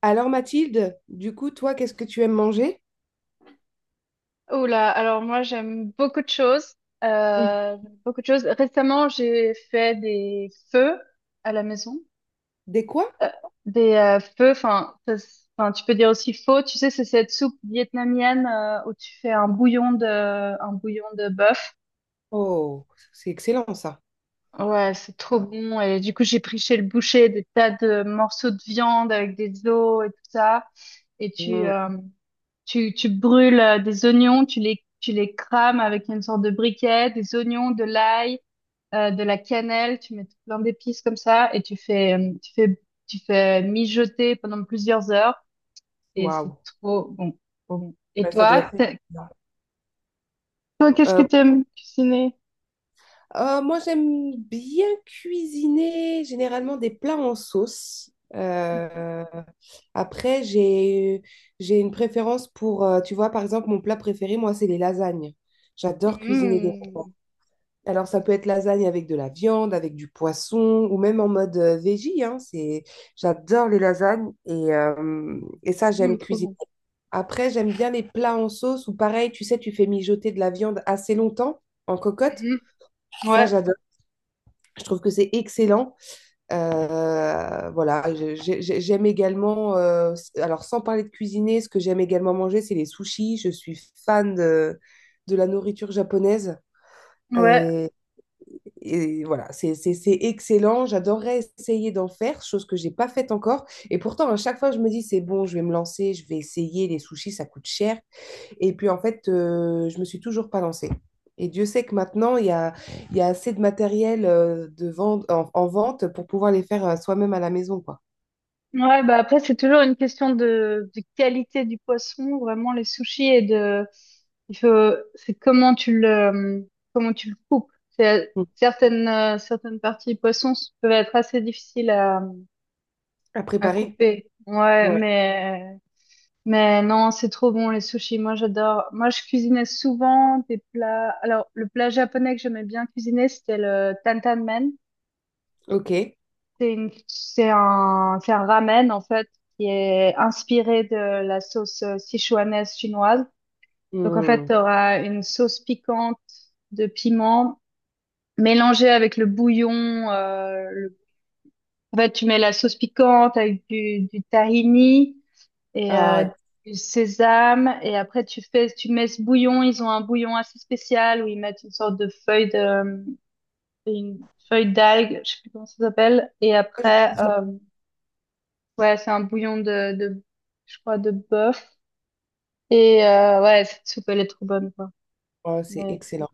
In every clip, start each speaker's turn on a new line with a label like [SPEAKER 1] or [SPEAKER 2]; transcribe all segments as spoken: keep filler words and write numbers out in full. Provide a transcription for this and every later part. [SPEAKER 1] Alors Mathilde, du coup, toi, qu'est-ce que tu aimes manger?
[SPEAKER 2] Oula, alors moi j'aime beaucoup de choses.
[SPEAKER 1] Mm.
[SPEAKER 2] Euh, j'aime beaucoup de choses. Récemment, j'ai fait des feux à la maison.
[SPEAKER 1] Des quoi?
[SPEAKER 2] Euh, des euh, feux, enfin, ça s- enfin, tu peux dire aussi faux. Tu sais, c'est cette soupe vietnamienne euh, où tu fais un bouillon de, un bouillon de bœuf.
[SPEAKER 1] Oh, c'est excellent ça.
[SPEAKER 2] Ouais, c'est trop bon. Et du coup, j'ai pris chez le boucher des tas de morceaux de viande avec des os et tout ça. Et tu,
[SPEAKER 1] Mm.
[SPEAKER 2] euh, Tu, tu brûles euh, des oignons, tu les, tu les crames avec une sorte de briquet, des oignons, de l'ail, euh, de la cannelle, tu mets tout plein d'épices comme ça et tu fais, euh, tu fais, tu fais mijoter pendant plusieurs heures et c'est
[SPEAKER 1] Waouh.
[SPEAKER 2] trop bon, trop bon. Et
[SPEAKER 1] Ouais, ça doit
[SPEAKER 2] toi,
[SPEAKER 1] être
[SPEAKER 2] t'es-
[SPEAKER 1] excellent.
[SPEAKER 2] toi, qu'est-ce que
[SPEAKER 1] Euh,
[SPEAKER 2] tu aimes cuisiner?
[SPEAKER 1] euh, Moi, j'aime bien cuisiner généralement des plats en sauce. Euh, après, j'ai j'ai une préférence pour, euh, tu vois, par exemple, mon plat préféré, moi, c'est les lasagnes. J'adore cuisiner des.
[SPEAKER 2] Mmh,
[SPEAKER 1] Alors, ça peut être lasagne avec de la viande, avec du poisson, ou même en mode euh, veggie, hein, c'est... J'adore les lasagnes et, euh, et ça,
[SPEAKER 2] mmh,
[SPEAKER 1] j'aime
[SPEAKER 2] trop
[SPEAKER 1] cuisiner.
[SPEAKER 2] bon.
[SPEAKER 1] Après, j'aime bien les plats en sauce, ou pareil, tu sais, tu fais mijoter de la viande assez longtemps en cocotte.
[SPEAKER 2] Mhm.
[SPEAKER 1] Ça,
[SPEAKER 2] Ouais,
[SPEAKER 1] j'adore. Je trouve que c'est excellent. Euh, voilà, je- j'ai- j'ai- j'aime également, euh, s- alors sans parler de cuisiner, ce que j'aime également manger, c'est les sushis. Je suis fan de, de la nourriture japonaise.
[SPEAKER 2] ouais.
[SPEAKER 1] Et voilà, c'est c'est- c'est excellent. J'adorerais essayer d'en faire, chose que j'ai pas faite encore. Et pourtant, à chaque fois, je me dis, c'est bon, je vais me lancer, je vais essayer. Les sushis, ça coûte cher. Et puis, en fait, euh, je me suis toujours pas lancée. Et Dieu sait que maintenant, il y a, il y a assez de matériel euh, de vente, en, en vente pour pouvoir les faire euh, soi-même à la maison, quoi.
[SPEAKER 2] Ouais, bah après, c'est toujours une question de, de qualité du poisson, vraiment les sushis et de, il faut, c'est comment tu le, comment tu le coupes. C'est-
[SPEAKER 1] Mm.
[SPEAKER 2] Certaines, euh, certaines parties du poisson s- peuvent être assez difficiles à,
[SPEAKER 1] À
[SPEAKER 2] à
[SPEAKER 1] préparer.
[SPEAKER 2] couper. Ouais,
[SPEAKER 1] Ouais.
[SPEAKER 2] mais, mais non, c'est trop bon les sushis. Moi, j'adore. Moi, je cuisinais souvent des plats. Alors, le plat japonais que j'aimais bien cuisiner, c'était le tantan.
[SPEAKER 1] Ok.
[SPEAKER 2] C'est une, c'est un, c'est un ramen, en fait, qui est inspiré de la sauce euh, sichuanaise chinoise. Donc, en fait,
[SPEAKER 1] Mm.
[SPEAKER 2] tu auras une sauce piquante de piment mélangée avec le bouillon. euh, le- En fait, tu mets la sauce piquante avec du, du tahini et euh,
[SPEAKER 1] Ah,
[SPEAKER 2] du sésame. Et après, tu fais, tu mets ce bouillon. Ils ont un bouillon assez spécial où ils mettent une sorte de feuille de, une feuille d'algue, je sais plus comment ça s'appelle. Et après,
[SPEAKER 1] je-
[SPEAKER 2] euh, ouais, c'est un bouillon de, de, je crois, de bœuf. Et euh, ouais, cette soupe, elle est trop bonne, quoi.
[SPEAKER 1] oh, c'est
[SPEAKER 2] Mais...
[SPEAKER 1] excellent.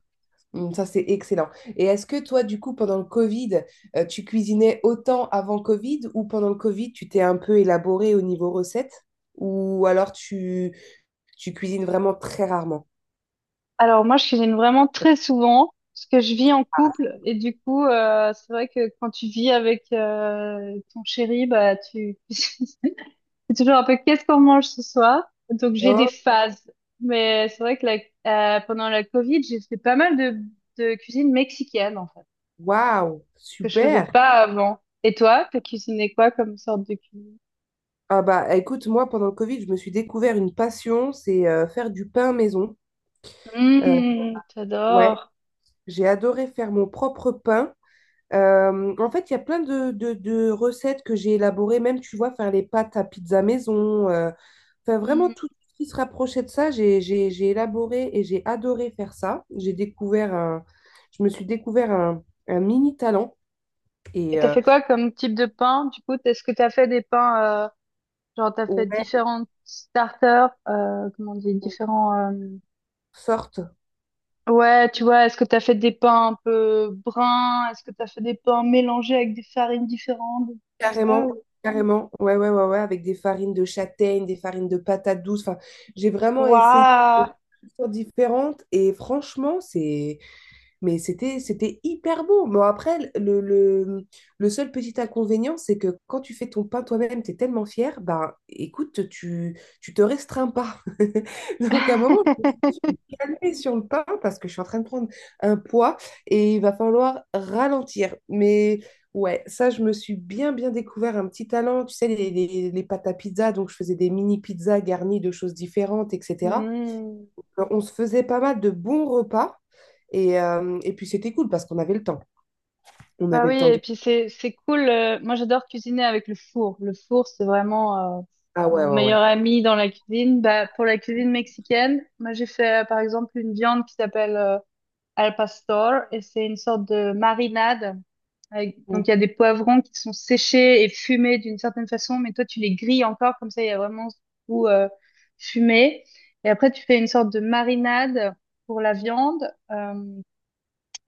[SPEAKER 1] Mm. Ça, c'est excellent. Et est-ce que toi, du coup, pendant le Covid, euh, tu cuisinais autant avant Covid ou pendant le Covid, tu t'es un peu élaboré au niveau recette ou alors tu, tu cuisines vraiment très rarement?
[SPEAKER 2] Alors moi, je cuisine vraiment très souvent, parce que je vis en couple. Et du coup, euh, c'est vrai que quand tu vis avec euh, ton chéri, bah, tu... c'est toujours un peu qu'est-ce qu'on mange ce soir. Donc j'ai des
[SPEAKER 1] Oh,
[SPEAKER 2] phases. Mais c'est vrai que la- euh, pendant la Covid, j'ai fait pas mal de, de cuisine mexicaine, en fait,
[SPEAKER 1] waouh,
[SPEAKER 2] que je faisais
[SPEAKER 1] super.
[SPEAKER 2] pas avant. Et toi, t'as cuisiné quoi comme sorte de cuisine?
[SPEAKER 1] Ah bah écoute, moi, pendant le Covid, je me suis découvert une passion, c'est euh, faire du pain maison. Euh,
[SPEAKER 2] Mmh,
[SPEAKER 1] ouais,
[SPEAKER 2] j'adore.
[SPEAKER 1] j'ai adoré faire mon propre pain. Euh, en fait, il y a plein de, de- de recettes que j'ai élaborées, même tu vois, faire les pâtes à pizza maison, euh, enfin vraiment
[SPEAKER 2] Mm.
[SPEAKER 1] tout ce qui se rapprochait de ça, j'ai j'ai- j'ai élaboré et j'ai adoré faire ça. J'ai découvert un, je me suis découvert un, un mini talent
[SPEAKER 2] Et
[SPEAKER 1] et
[SPEAKER 2] t'as
[SPEAKER 1] euh,
[SPEAKER 2] fait quoi comme type de pain? Du coup, est-ce que t'as fait des pains, euh, genre t'as fait
[SPEAKER 1] ouais,
[SPEAKER 2] différents starters, euh, comment on dit, différents, euh,
[SPEAKER 1] sorte
[SPEAKER 2] ouais, tu vois, est-ce que t'as fait des pains un peu bruns? Est-ce que t'as fait des pains mélangés avec des farines différentes, des trucs comme ça?
[SPEAKER 1] carrément,
[SPEAKER 2] ou-
[SPEAKER 1] carrément, ouais, ouais, ouais, ouais, avec des farines de châtaigne, des farines de patates douces, enfin, j'ai vraiment essayé des
[SPEAKER 2] Waouh!
[SPEAKER 1] choses différentes et franchement, c'est. Mais c'était, c'était hyper beau. Bon, après, le, le, le seul petit inconvénient, c'est que quand tu fais ton pain toi-même, tu es tellement fier, ben écoute, tu, tu te restreins pas. Donc à un moment, je me suis dit, je vais me calmer sur le pain parce que je suis en train de prendre un poids et il va falloir ralentir. Mais ouais, ça, je me suis bien, bien découvert un petit talent. Tu sais, les, les, les pâtes à pizza, donc je faisais des mini pizzas garnies de choses différentes, et cetera. Alors, on se faisait pas mal de bons repas. Et, euh, et puis c'était cool parce qu'on avait le temps. On
[SPEAKER 2] Bah
[SPEAKER 1] avait
[SPEAKER 2] oui,
[SPEAKER 1] le temps
[SPEAKER 2] et
[SPEAKER 1] de...
[SPEAKER 2] puis c'est c'est cool. Euh, moi, j'adore cuisiner avec le four. Le four, c'est vraiment euh,
[SPEAKER 1] Ah ouais,
[SPEAKER 2] mon
[SPEAKER 1] ouais,
[SPEAKER 2] meilleur
[SPEAKER 1] ouais.
[SPEAKER 2] ami dans la cuisine. Bah, pour la cuisine mexicaine, moi, j'ai fait euh, par exemple une viande qui s'appelle euh, al pastor et c'est une sorte de marinade. Avec-
[SPEAKER 1] Mm.
[SPEAKER 2] donc, il y a des poivrons qui sont séchés et fumés d'une certaine façon, mais toi, tu les grilles encore, comme ça, il y a vraiment ce goût euh, fumé. Et après, tu fais une sorte de marinade pour la viande. Euh,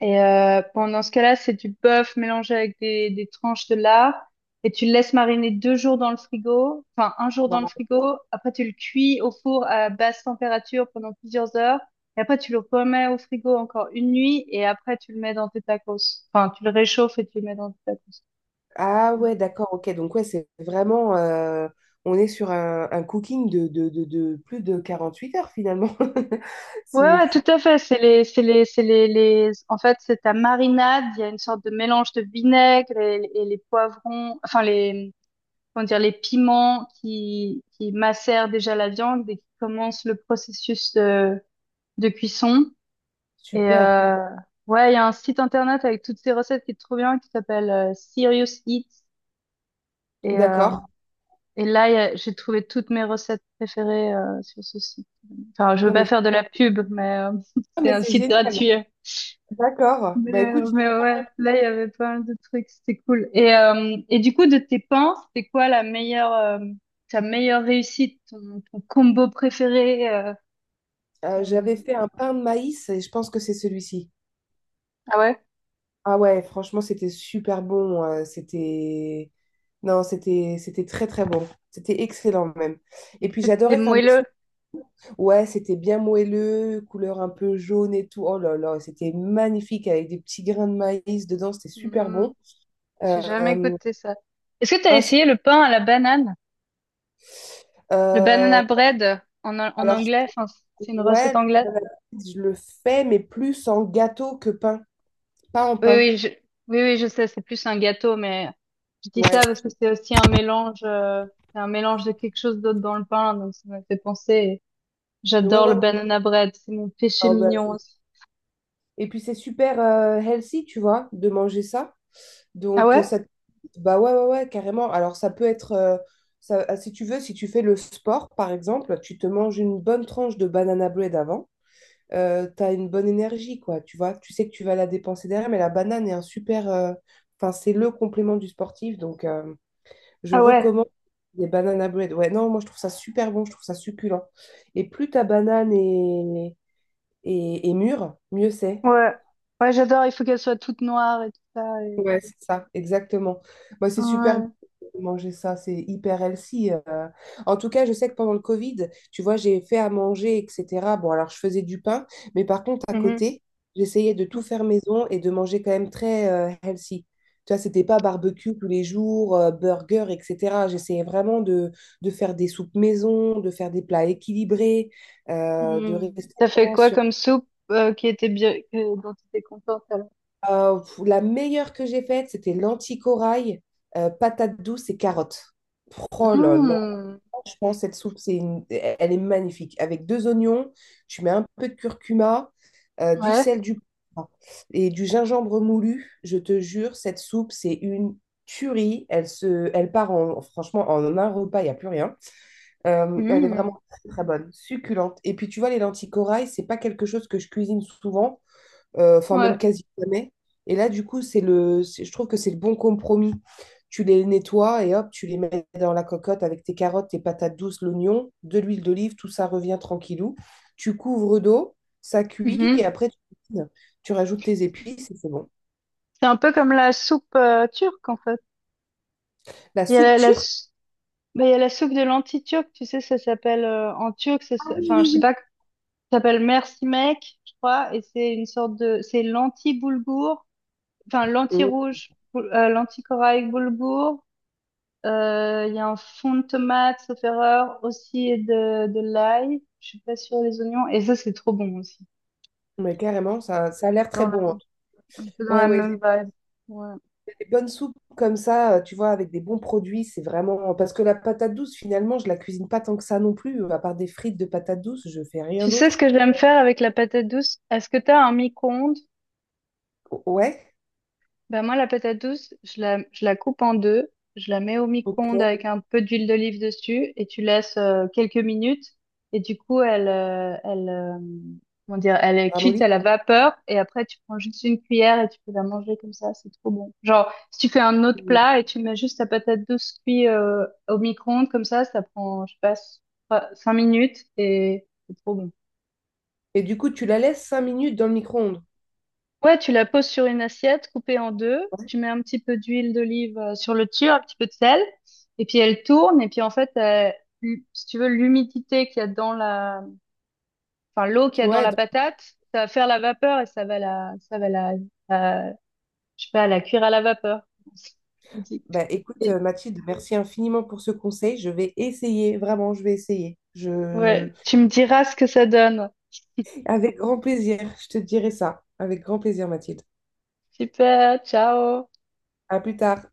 [SPEAKER 2] et euh, pendant ce cas-là, c'est du bœuf mélangé avec des, des tranches de lard. Et tu le laisses mariner deux jours dans le frigo, enfin un jour dans le
[SPEAKER 1] Wow.
[SPEAKER 2] frigo. Après, tu le cuis au four à basse température pendant plusieurs heures. Et après, tu le remets au frigo encore une nuit. Et après, tu le mets dans tes tacos. Enfin, tu le réchauffes et tu le mets dans tes tacos.
[SPEAKER 1] Ah ouais, d'accord, ok. Donc ouais, c'est vraiment... euh, on est sur un, un cooking de, de, de- de plus de quarante huit heures finalement.
[SPEAKER 2] Ouais,
[SPEAKER 1] C'est
[SPEAKER 2] ouais, tout
[SPEAKER 1] c'est
[SPEAKER 2] à fait. C'est les, c'est les, c'est les, les. En fait, c'est ta marinade. Il y a une sorte de mélange de vinaigre et, et les poivrons, enfin les, comment dire, les piments qui, qui macèrent déjà la viande et qui commencent le processus de, de cuisson. Et
[SPEAKER 1] super.
[SPEAKER 2] euh, ouais, il y a un site internet avec toutes ces recettes qui est trop bien, qui s'appelle euh, Serious Eats. Et, euh,
[SPEAKER 1] D'accord.
[SPEAKER 2] et là, il y a- j'ai trouvé toutes mes recettes préférées euh, sur ce site. Enfin, je veux
[SPEAKER 1] Non,
[SPEAKER 2] pas
[SPEAKER 1] mais,
[SPEAKER 2] faire de la pub, mais euh,
[SPEAKER 1] ah,
[SPEAKER 2] c'est
[SPEAKER 1] mais
[SPEAKER 2] un
[SPEAKER 1] c'est
[SPEAKER 2] site
[SPEAKER 1] génial.
[SPEAKER 2] gratuit.
[SPEAKER 1] D'accord.
[SPEAKER 2] Mais,
[SPEAKER 1] Bah écoute,
[SPEAKER 2] euh,
[SPEAKER 1] j-
[SPEAKER 2] mais ouais, là, il y avait pas mal de trucs, c'était cool. Et, euh, et du coup, de tes pains, c'était quoi la meilleure, euh, ta meilleure réussite, ton, ton combo préféré, euh,
[SPEAKER 1] euh, j'avais
[SPEAKER 2] ton...
[SPEAKER 1] fait un pain de maïs et je pense que c'est celui-ci.
[SPEAKER 2] Ah ouais?
[SPEAKER 1] Ah ouais, franchement, c'était super bon. Euh, c'était... Non, c'était c'était très très bon. C'était excellent même. Et puis
[SPEAKER 2] C'était
[SPEAKER 1] j'adorais faire mes
[SPEAKER 2] moelleux.
[SPEAKER 1] soupes. Ouais, c'était bien moelleux, couleur un peu jaune et tout. Oh là là, c'était magnifique avec des petits grains de maïs dedans. C'était super
[SPEAKER 2] Hmm,
[SPEAKER 1] bon.
[SPEAKER 2] j'ai jamais
[SPEAKER 1] Euh,
[SPEAKER 2] goûté ça. Est-ce que t'as
[SPEAKER 1] ah, c'est-
[SPEAKER 2] essayé le pain à la banane? Le
[SPEAKER 1] euh,
[SPEAKER 2] banana bread en, en
[SPEAKER 1] alors,
[SPEAKER 2] anglais? Enfin, c'est une
[SPEAKER 1] ouais,
[SPEAKER 2] recette
[SPEAKER 1] le
[SPEAKER 2] anglaise?
[SPEAKER 1] pain à la pizza, je le fais, mais plus en gâteau que pain. Pas en
[SPEAKER 2] Oui,
[SPEAKER 1] pain.
[SPEAKER 2] oui, je, oui, oui, je sais, c'est plus un gâteau, mais je dis
[SPEAKER 1] Ouais.
[SPEAKER 2] ça parce que c'est aussi un mélange, euh, c'est un mélange de quelque chose d'autre dans le pain, donc ça m'a fait penser.
[SPEAKER 1] Ouais,
[SPEAKER 2] J'adore
[SPEAKER 1] ouais.
[SPEAKER 2] le
[SPEAKER 1] Ouais.
[SPEAKER 2] banana bread, c'est mon péché
[SPEAKER 1] Ah bah,
[SPEAKER 2] mignon
[SPEAKER 1] c'est-
[SPEAKER 2] aussi.
[SPEAKER 1] et puis c'est super euh, healthy, tu vois, de manger ça.
[SPEAKER 2] Ah
[SPEAKER 1] Donc, euh,
[SPEAKER 2] ouais?
[SPEAKER 1] ça, te- bah ouais, ouais, ouais, carrément. Alors, ça peut être, euh, ça, ah, si tu veux, si tu fais le sport, par exemple, tu te manges une bonne tranche de banana bread avant, euh, tu une bonne énergie, quoi, tu vois. Tu sais que tu vas la dépenser derrière, mais la banane est un super, euh, enfin, c'est le complément du sportif. Donc, euh, je
[SPEAKER 2] Ah ouais,
[SPEAKER 1] recommande les banana bread. Ouais, non, moi, je trouve ça super bon, je trouve ça succulent. Et plus ta banane est, est, est mûre, mieux c'est.
[SPEAKER 2] ouais. Ouais, j'adore, il faut qu'elle soit toute noire et tout ça. et-
[SPEAKER 1] Ouais, c'est ça, exactement. Bah, c'est super bon
[SPEAKER 2] Ouais.
[SPEAKER 1] de manger ça, c'est hyper healthy. euh. En tout cas, je sais que pendant le Covid, tu vois, j'ai fait à manger, et cetera. Bon, alors je faisais du pain, mais par contre, à
[SPEAKER 2] Mhm.
[SPEAKER 1] côté, j'essayais de tout
[SPEAKER 2] Mhm.
[SPEAKER 1] faire maison et de manger quand même très euh, healthy. Tu vois, c'était pas barbecue tous les jours, euh, burger, et cetera. J'essayais vraiment de, de faire des soupes maison, de faire des plats équilibrés, euh, de
[SPEAKER 2] Mm.
[SPEAKER 1] rester
[SPEAKER 2] T'as fait
[SPEAKER 1] vraiment
[SPEAKER 2] quoi
[SPEAKER 1] sur.
[SPEAKER 2] comme soupe euh, qui était bien, que- dont tu étais contente alors?
[SPEAKER 1] Euh, pff, la meilleure que j'ai faite, c'était l'anticorail, euh, patates douces et carottes. Oh là là,
[SPEAKER 2] Mm.
[SPEAKER 1] je pense cette soupe, c'est une- elle est magnifique. Avec deux oignons, tu mets un peu de curcuma, euh, du
[SPEAKER 2] Ouais.
[SPEAKER 1] sel, du poivre et du gingembre moulu. Je te jure, cette soupe, c'est une tuerie. Elle se, elle part en, franchement en un repas, il n'y a plus rien. Euh, elle est vraiment
[SPEAKER 2] Mm.
[SPEAKER 1] très, très bonne, succulente. Et puis tu vois, les lentilles corail, c'est pas quelque chose que je cuisine souvent, euh, enfin même
[SPEAKER 2] Ouais.
[SPEAKER 1] quasi jamais. Et là, du coup, c'est le, c'est- je trouve que c'est le bon compromis. Tu les nettoies et hop, tu les mets dans la cocotte avec tes carottes, tes patates douces, l'oignon, de l'huile d'olive, tout ça revient tranquillou. Tu couvres d'eau, ça cuit et
[SPEAKER 2] Mhm.
[SPEAKER 1] après tu cuisines. Tu rajoutes tes épices et c'est bon.
[SPEAKER 2] C'est un peu comme la soupe euh, turque en fait.
[SPEAKER 1] La
[SPEAKER 2] Il y a
[SPEAKER 1] soupe
[SPEAKER 2] la, la
[SPEAKER 1] turque.
[SPEAKER 2] s- bah, il y a la soupe de lentilles turque, tu sais, ça s'appelle euh, en turc, ça, s-
[SPEAKER 1] Ah oui,
[SPEAKER 2] enfin, je sais
[SPEAKER 1] oui,
[SPEAKER 2] pas. Ça s'appelle Merci Mec, je crois, et c'est une sorte de, c'est l'anti-boulgour, enfin
[SPEAKER 1] oui. Mm,
[SPEAKER 2] l'anti-rouge, boul- euh, l'anti-corail boulgour. Euh, Il y a un fond de tomate, sauf erreur, aussi et de, de l'ail. Je suis pas sûre des oignons, et ça c'est trop bon aussi.
[SPEAKER 1] mais carrément, ça, ça a l'air
[SPEAKER 2] C'est dans
[SPEAKER 1] très
[SPEAKER 2] la,
[SPEAKER 1] bon, hein.
[SPEAKER 2] un peu dans
[SPEAKER 1] Ouais,
[SPEAKER 2] la
[SPEAKER 1] ouais.
[SPEAKER 2] même vibe. Ouais.
[SPEAKER 1] Des bonnes soupes comme ça, euh, tu vois, avec des bons produits, c'est vraiment... Parce que la patate douce, finalement, je la cuisine pas tant que ça non plus. À part des frites de patate douce, je fais rien
[SPEAKER 2] Tu sais ce
[SPEAKER 1] d'autre.
[SPEAKER 2] que j'aime faire avec la patate douce? Est-ce que t'as un micro-ondes?
[SPEAKER 1] O- Ouais,
[SPEAKER 2] Ben moi, la patate douce, je la, je la coupe en deux, je la mets au micro-ondes
[SPEAKER 1] ok,
[SPEAKER 2] avec un peu d'huile d'olive dessus et tu laisses euh, quelques minutes. Et du coup, elle, euh, elle, euh, comment dire, elle est cuite
[SPEAKER 1] ramolli.
[SPEAKER 2] à la vapeur et après, tu prends juste une cuillère et tu peux la manger comme ça, c'est trop bon. Genre, si tu fais un autre plat et tu mets juste ta patate douce cuite euh, au micro-ondes comme ça, ça prend, je sais pas, cinq minutes et c'est trop bon.
[SPEAKER 1] Et du coup, tu la laisses cinq minutes dans le micro-ondes.
[SPEAKER 2] Ouais, tu la poses sur une assiette coupée en deux. Tu mets un petit peu d'huile d'olive euh, sur le dessus, un petit peu de sel. Et puis elle tourne. Et puis en fait, euh, l- si tu veux, l'humidité qu'il y a dans la, enfin l'eau qu'il y a dans
[SPEAKER 1] Ouais,
[SPEAKER 2] la
[SPEAKER 1] donc-
[SPEAKER 2] patate, ça va faire la vapeur et ça va la, ça va la, la- je sais pas, la cuire à la vapeur.
[SPEAKER 1] bah, écoute,
[SPEAKER 2] Et-
[SPEAKER 1] euh, Mathilde, merci infiniment pour ce conseil. Je vais essayer, vraiment, je vais essayer. Je...
[SPEAKER 2] Ouais, tu me diras ce que ça donne.
[SPEAKER 1] Avec grand plaisir, je te dirai ça. Avec grand plaisir, Mathilde.
[SPEAKER 2] Super, ciao.
[SPEAKER 1] À plus tard.